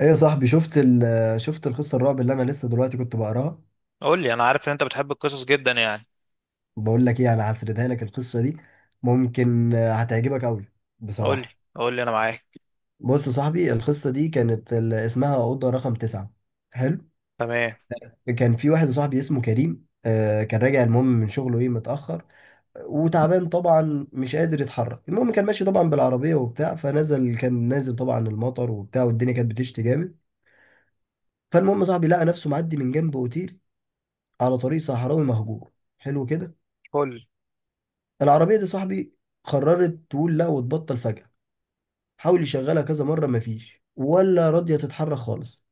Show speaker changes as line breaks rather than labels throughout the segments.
ايه يا صاحبي، شفت ال شفت القصه الرعب اللي انا لسه دلوقتي كنت بقراها؟
قول لي، انا عارف ان انت بتحب القصص جدا يعني.
بقول لك ايه، انا هسردها لك القصه دي. ممكن هتعجبك قوي
قول لي.
بصراحه.
قول لي انا معاك.
بص يا صاحبي، القصه دي كانت اسمها اوضه رقم تسعة. حلو.
تمام.
كان في واحد صاحبي اسمه كريم، كان راجع المهم من شغله ايه، متاخر وتعبان طبعا، مش قادر يتحرك. المهم كان ماشي طبعا بالعربيه وبتاع، فنزل كان نازل طبعا المطر وبتاع، والدنيا كانت بتشتي جامد. فالمهم صاحبي لقى نفسه معدي من جنب اوتيل على طريق صحراوي مهجور. حلو كده.
فل.
العربية دي صاحبي قررت تقول لا وتبطل فجأة. حاول يشغلها كذا مرة، مفيش، ولا راضية تتحرك خالص.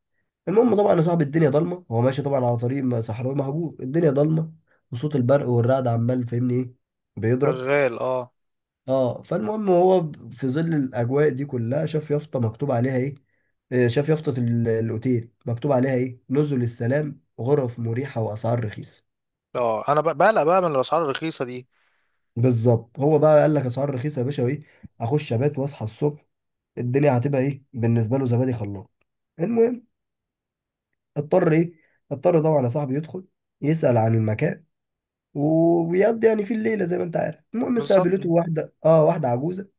المهم طبعا يا صاحبي، الدنيا ضلمة، هو ماشي طبعا على طريق صحراوي مهجور، الدنيا ضلمة وصوت البرق والرعد عمال فاهمني ايه، بيضرب.
شغال. اه.
اه، فالمهم هو في ظل الأجواء دي كلها شاف يافطة مكتوب عليها ايه. شاف يافطة الأوتيل مكتوب عليها ايه، نزل السلام، غرف مريحة وأسعار رخيصة.
اه انا بقلق بقى من الاسعار الرخيصه دي.
بالظبط. هو بقى قال لك أسعار رخيصة يا باشا، وايه، أخش أبات وأصحى الصبح، الدنيا هتبقى ايه بالنسبه له، زبادي خلاص. المهم اضطر ايه، اضطر طبعا يا صاحبي يدخل يسال عن المكان ويقضي يعني في الليله زي ما انت عارف. المهم
بالظبط.
استقبلته واحده، اه، واحده عجوزه.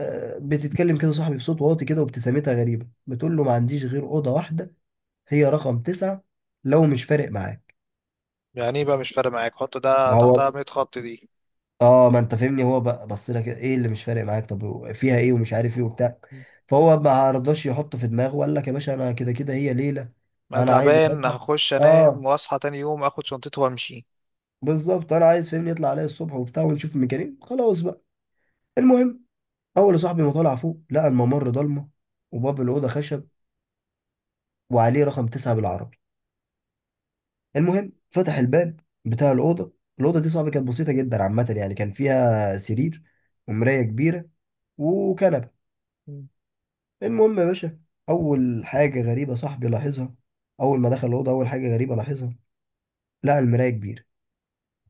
آه بتتكلم كده صاحبي بصوت واطي كده، وابتسامتها غريبه، بتقول له ما عنديش غير اوضه واحده، هي رقم تسعة، لو مش فارق معاك.
يعني ايه بقى مش فارق معاك؟ حط ده
ما هو
تحتها 100 خط دي.
اه، ما انت فاهمني هو بقى بص لك ايه، اللي مش فارق معاك طب فيها ايه، ومش عارف ايه وبتاع. فهو ما رضاش يحط في دماغه وقال لك يا باشا انا كده كده هي ليله،
انا
انا عايز
تعبان،
اباتها.
هخش انام
اه،
واصحى تاني يوم اخد شنطتي وامشي.
بالظبط، انا عايز فاهمني يطلع عليا الصبح وبتاع ونشوف الميكانيك خلاص بقى. المهم اول يا صاحبي ما طلع فوق، لقى الممر ضلمه، وباب الاوضه خشب، وعليه رقم تسعة بالعربي. المهم فتح الباب بتاع الاوضه. الاوضه دي صاحبي كانت بسيطه جدا عامه يعني، كان فيها سرير، ومرايه كبيره، وكنبه.
مم.
المهم يا باشا، اول حاجه غريبه صاحبي لاحظها، اول ما دخل الاوضه، اول حاجه غريبه لاحظها، لقى المرايه كبيره.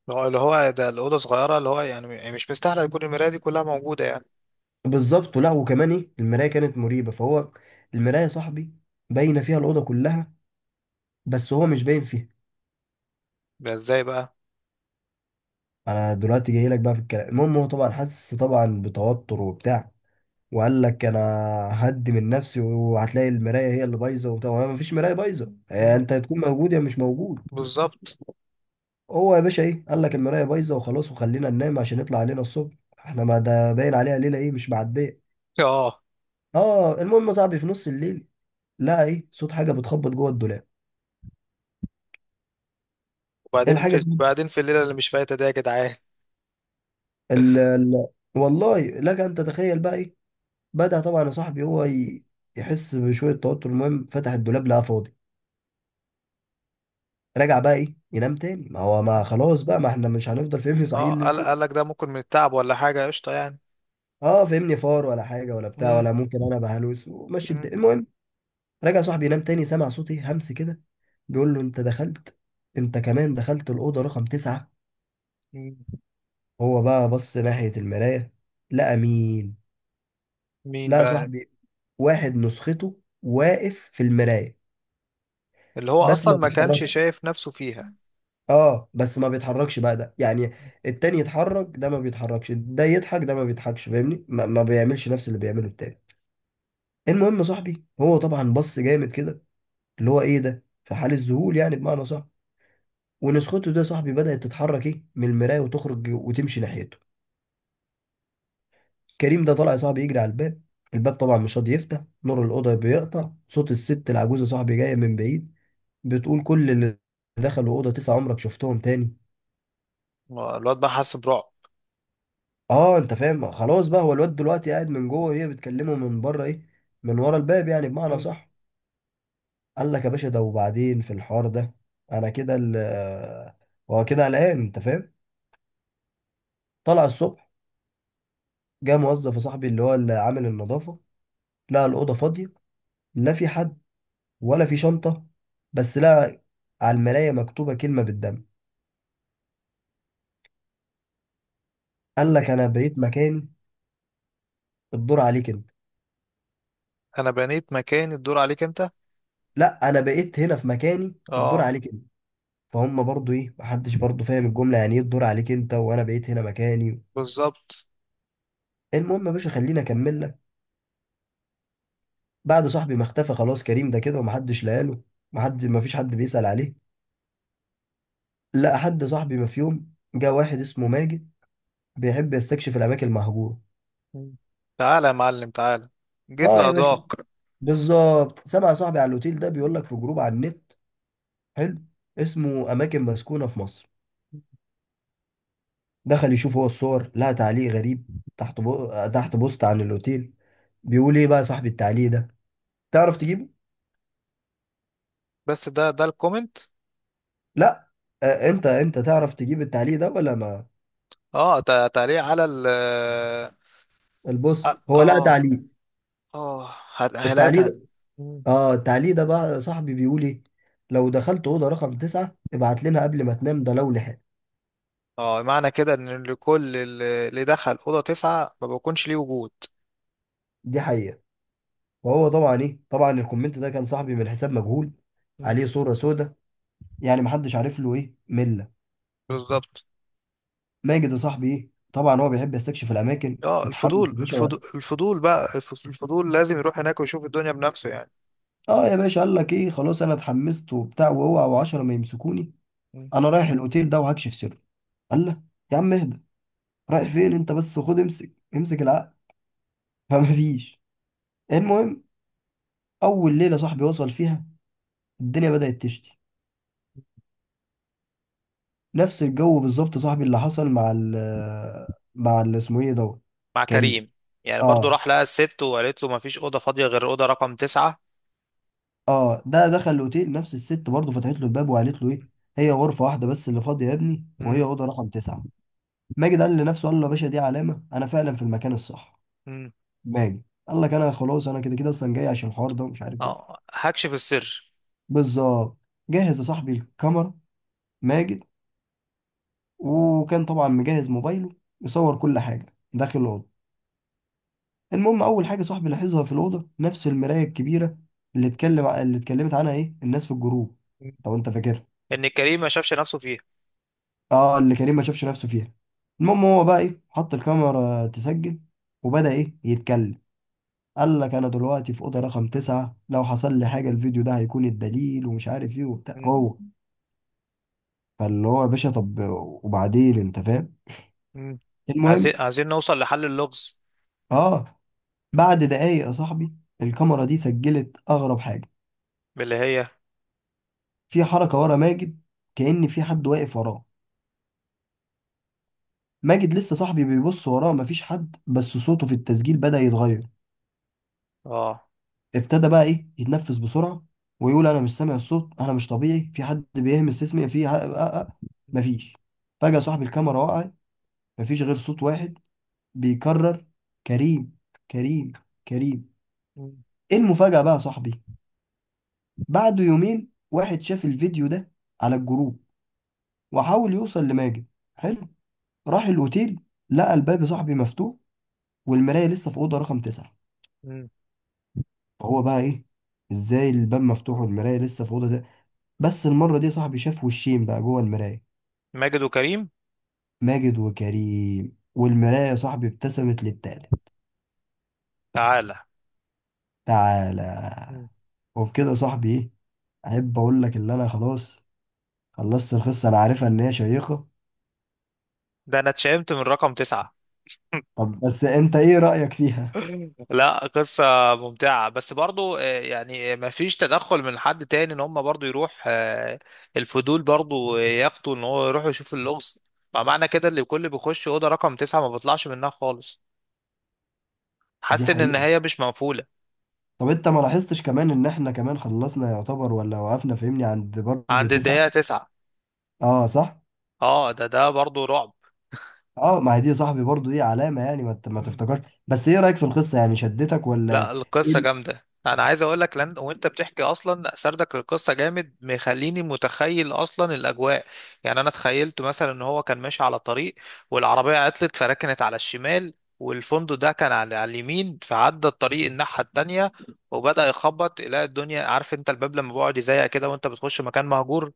اللي هو ده الاوضه صغيره، اللي هو يعني مش مستاهله يكون المرايه دي كلها موجوده يعني.
بالظبط، ولا وكمان ايه، المرايه كانت مريبه. فهو المرايه يا صاحبي باينه فيها الاوضه كلها، بس هو مش باين فيها.
ده ازاي بقى؟
انا دلوقتي جاي لك بقى في الكلام. المهم هو طبعا حس طبعا بتوتر وبتاع وقال لك انا هدي من نفسي وهتلاقي المرايه هي اللي بايظه وبتاع، ما فيش مرايه بايظه،
مم.
انت هتكون موجود يا مش موجود.
بالظبط.
هو يا باشا ايه، قال لك المرايه بايظه وخلاص وخلينا ننام عشان يطلع علينا الصبح، احنا ما ده باين عليها ليله ايه، مش معديه.
اه.
اه، المهم يا صاحبي في نص الليل لقى ايه، صوت حاجه بتخبط جوه الدولاب. ايه
وبعدين
الحاجه،
في
صوت
بعدين في الليله اللي مش فايته دي يا جدعان.
ال ال والله لك ان تتخيل بقى ايه. بدأ طبعا يا صاحبي يحس بشويه توتر. المهم فتح الدولاب لقى فاضي. رجع بقى ايه ينام تاني، ما هو ما خلاص بقى، ما احنا مش هنفضل فهمني صحيح
اه،
الليل
قال
كله.
قال لك ده ممكن من التعب ولا حاجة؟ قشطة يعني.
اه فهمني، فار ولا حاجه ولا بتاع،
مم.
ولا ممكن انا بهلوس، ومشي
مم.
الدنيا. المهم رجع صاحبي ينام تاني، سمع صوتي همس كده بيقول له انت دخلت، انت كمان دخلت الأوضة رقم تسعة.
مم.
هو بقى بص ناحية المراية، لقى مين،
مين
لقى
بقى؟
صاحبي واحد نسخته واقف في المراية،
اللي هو
بس
أصلا
ما
ما كانش
بيتحركش.
شايف نفسه فيها.
اه، بس ما بيتحركش بقى ده يعني، التاني يتحرك ده ما بيتحركش، ده يضحك ده ما بيضحكش، فاهمني ما بيعملش نفس اللي بيعمله التاني. المهم صاحبي هو طبعا بص جامد كده، اللي هو ايه ده في حال الذهول يعني بمعنى صح. ولسخوته ده يا صاحبي بدأت تتحرك ايه من المراية وتخرج وتمشي ناحيته. كريم ده طلع يا صاحبي يجري على الباب، الباب طبعا مش راضي يفتح، نور الأوضة بيقطع، صوت الست العجوزة يا صاحبي جاية من بعيد بتقول كل اللي دخلوا أوضة تسعة عمرك شفتهم تاني.
الواد بقى حس برعب.
اه انت فاهم خلاص بقى، هو الواد دلوقتي قاعد من جوه وهي بتكلمه من بره ايه، من ورا الباب يعني بمعنى
مم.
صح. قال لك يا باشا ده، وبعدين في الحوار ده، انا كده هو كده قلقان انت فاهم. طلع الصبح، جه موظف يا صاحبي اللي هو اللي عامل النظافة، لقى الأوضة فاضية، لا في حد ولا في شنطة، بس لقى على المراية مكتوبة كلمة بالدم، قال لك أنا بقيت مكاني، الدور عليك أنت.
أنا بنيت مكاني، الدور عليك أنت.
لا، أنا بقيت هنا في مكاني، الدور
اه،
عليك أنت. فهم برضو إيه، محدش برضو فاهم الجملة يعني إيه الدور عليك أنت وأنا بقيت هنا مكاني.
بالظبط.
المهم يا باشا خليني أكمل لك. بعد صاحبي ما اختفى خلاص كريم ده كده ومحدش لقاله، مفيش حد بيسأل عليه، لقى حد صاحبي. ما في يوم جه واحد اسمه ماجد، بيحب يستكشف الأماكن المهجورة.
مم. تعالى يا معلم، تعالى. جيت
آه يا باشا،
لأضاك.
بالظبط، سمع صاحبي على الأوتيل ده، بيقول لك في جروب على النت، حلو، اسمه أماكن مسكونة في مصر. دخل يشوف هو الصور، لقى تعليق غريب تحت تحت بوست عن الأوتيل. بيقول إيه بقى صاحب التعليق ده، تعرف تجيبه؟
بس ده الكومنت.
لا، آه أنت تعرف تجيب التعليق ده ولا ما
اه، تعليق على
البوست،
اه،
هو لقى
اه.
تعليق،
آه.
التعليق
هلاقيتها.
ده.
مم.
آه التعليق ده بقى صاحبي بيقول إيه، لو دخلت أوضة رقم تسعة ابعت لنا قبل ما تنام، ده لو لحق.
اه، معنى كده ان لكل اللي دخل اوضه تسعه ما بيكونش ليه وجود.
دي حقيقة. وهو طبعا إيه، طبعا الكومنت ده كان صاحبي من حساب مجهول، عليه صورة سودة، يعني محدش عارف له إيه من.
بالظبط.
ماجد يا صاحبي ايه طبعا هو بيحب يستكشف الاماكن،
اه،
اتحمس
الفضول
يا باشا وقال،
الفضول الفضول بقى، الفضول لازم يروح هناك ويشوف الدنيا بنفسه يعني.
اه يا باشا قال لك ايه خلاص انا اتحمست وبتاع، واوعى وعشرة ما يمسكوني،
مم.
انا رايح الاوتيل ده وهكشف سره. قال له يا عم اهدى، رايح فين انت بس، خد امسك امسك العقل. فما فيش. المهم اول ليله صاحبي وصل فيها، الدنيا بدات تشتي، نفس الجو بالظبط صاحبي اللي حصل مع مع اللي اسمه ايه دوت.
مع
كريم.
كريم. يعني برضو
اه،
راح لقى الست وقالت له مفيش أوضة فاضية غير أوضة رقم تسعة.
اه، ده دخل الاوتيل، نفس الست برضه فتحت له الباب وقالت له ايه، هي غرفه واحده بس اللي فاضيه يا ابني وهي
مم.
اوضه رقم تسعه. ماجد قال لنفسه، قال له يا باشا دي علامه، انا فعلا في المكان الصح.
مم.
ماجد قال لك انا خلاص انا كده كده اصلا جاي عشان الحوار ده ومش عارف ايه.
اه، هكشف السر.
بالظبط. جهز يا صاحبي الكاميرا ماجد، وكان طبعا مجهز موبايله يصور كل حاجه داخل الاوضه. المهم اول حاجه صاحبي لاحظها في الاوضه، نفس المرايه الكبيره اللي اتكلمت عنها ايه الناس في الجروب،
مم.
لو انت فاكرها.
إن كريم ما شافش نفسه فيها.
اه، اللي كريم ما شافش نفسه فيها. المهم هو بقى ايه، حط الكاميرا تسجل وبدأ ايه يتكلم، قال لك انا دلوقتي في اوضه رقم تسعة، لو حصل لي حاجه الفيديو ده هيكون الدليل، ومش عارف ايه وبتاع
مم.
هو. فاللي هو يا باشا طب وبعدين انت فاهم.
مم. عايزين
المهم
عايزين نوصل لحل اللغز.
اه، بعد دقايق يا صاحبي الكاميرا دي سجلت اغرب حاجه،
اللي هي
في حركه ورا ماجد، كأن في حد واقف وراه. ماجد لسه صاحبي بيبص وراه مفيش حد، بس صوته في التسجيل بدأ يتغير.
اه.
ابتدى بقى ايه يتنفس بسرعه، ويقول انا مش سامع الصوت، انا مش طبيعي، في حد بيهمس اسمي في مفيش. فجاه صاحب الكاميرا وقع، مفيش غير صوت واحد بيكرر كريم، كريم، كريم.
مم.
ايه المفاجاه بقى يا صاحبي، بعد يومين واحد شاف الفيديو ده على الجروب، وحاول يوصل لماجد، حلو، راح الاوتيل، لقى الباب يا صاحبي مفتوح، والمرايه لسه في اوضه رقم تسعة.
مم.
فهو بقى ايه، ازاي الباب مفتوح والمرايه لسه في اوضه. بس المرة دي يا صاحبي شاف وشين بقى جوه المراية،
ماجد وكريم.
ماجد وكريم، والمراية يا صاحبي ابتسمت للتالت،
تعالى.
تعالى.
مم.
وبكده يا صاحبي ايه، احب اقول لك ان انا خلاص خلصت القصة، انا عارفها ان هي شيقة.
ده أنا اتشائمت من رقم تسعة.
طب بس انت ايه رأيك فيها.
لا، قصة ممتعة، بس برضو يعني ما فيش تدخل من حد تاني ان هم برضو يروح، الفضول برضو يقتوا ان هو يروح يشوف اللغز. معنى كده اللي كل بيخش أوضة رقم تسعة ما بيطلعش منها خالص.
دي
حاسس ان
حقيقة.
النهاية مش مقفولة.
طب انت ما لاحظتش كمان ان احنا كمان خلصنا يعتبر ولا وقفنا فهمني عند برضه
عند الدقيقة
تسعة.
تسعة.
اه صح.
اه، ده برضو رعب.
اه ما هي دي يا صاحبي برضه ايه علامة يعني، ما ما تفتكرش، بس ايه رأيك في القصة يعني شدتك ولا
لا،
ايه
القصة جامدة، انا عايز اقول لك لان وانت بتحكي اصلا سردك القصة جامد مخليني متخيل اصلا الاجواء. يعني انا تخيلت مثلا ان هو كان ماشي على طريق، والعربية عطلت فركنت على الشمال، والفندق ده كان على اليمين، فعدى الطريق الناحية التانية وبدأ يخبط يلاقي الدنيا. عارف انت الباب لما بيقعد يزيق كده وانت بتخش مكان مهجور؟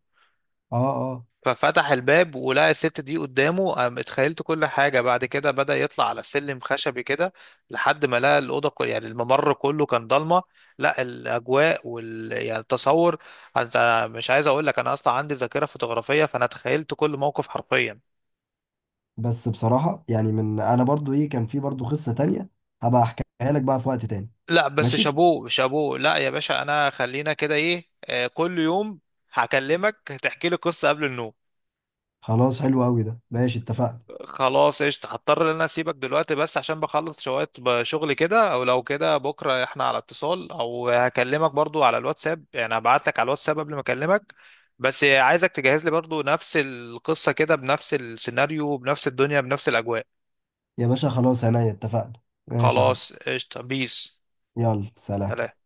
اه اه
ففتح الباب ولقى الست دي قدامه، قام اتخيلت كل حاجة بعد كده. بدأ يطلع على سلم خشبي كده لحد ما لقى الأوضة. كل يعني الممر كله كان ضلمة. لا، الأجواء يعني التصور، أنت مش عايز أقول لك، أنا أصلا عندي ذاكرة فوتوغرافية فأنا تخيلت كل موقف حرفيا.
بس بصراحة يعني من أنا برضو إيه، كان في برضو قصة تانية، هبقى أحكيها لك بقى في وقت تاني.
لا بس،
ماشي.
شابوه شابوه. لا يا باشا، أنا خلينا كده إيه، كل يوم هكلمك هتحكي لي قصة قبل النوم.
خلاص حلو أوي، ده ماشي، اتفقنا.
خلاص، قشطة. هضطر ان انا اسيبك دلوقتي بس عشان بخلص شوية شغل كده. او لو كده بكرة احنا على اتصال، او هكلمك برضو على الواتساب، يعني هبعت لك على الواتساب قبل ما اكلمك. بس عايزك تجهز لي برضو نفس القصة كده، بنفس السيناريو، بنفس الدنيا، بنفس الاجواء.
يا باشا خلاص عينيا، اتفقنا. ماشي أهو.
خلاص، قشطة. بيس.
يلا سلام.
سلام.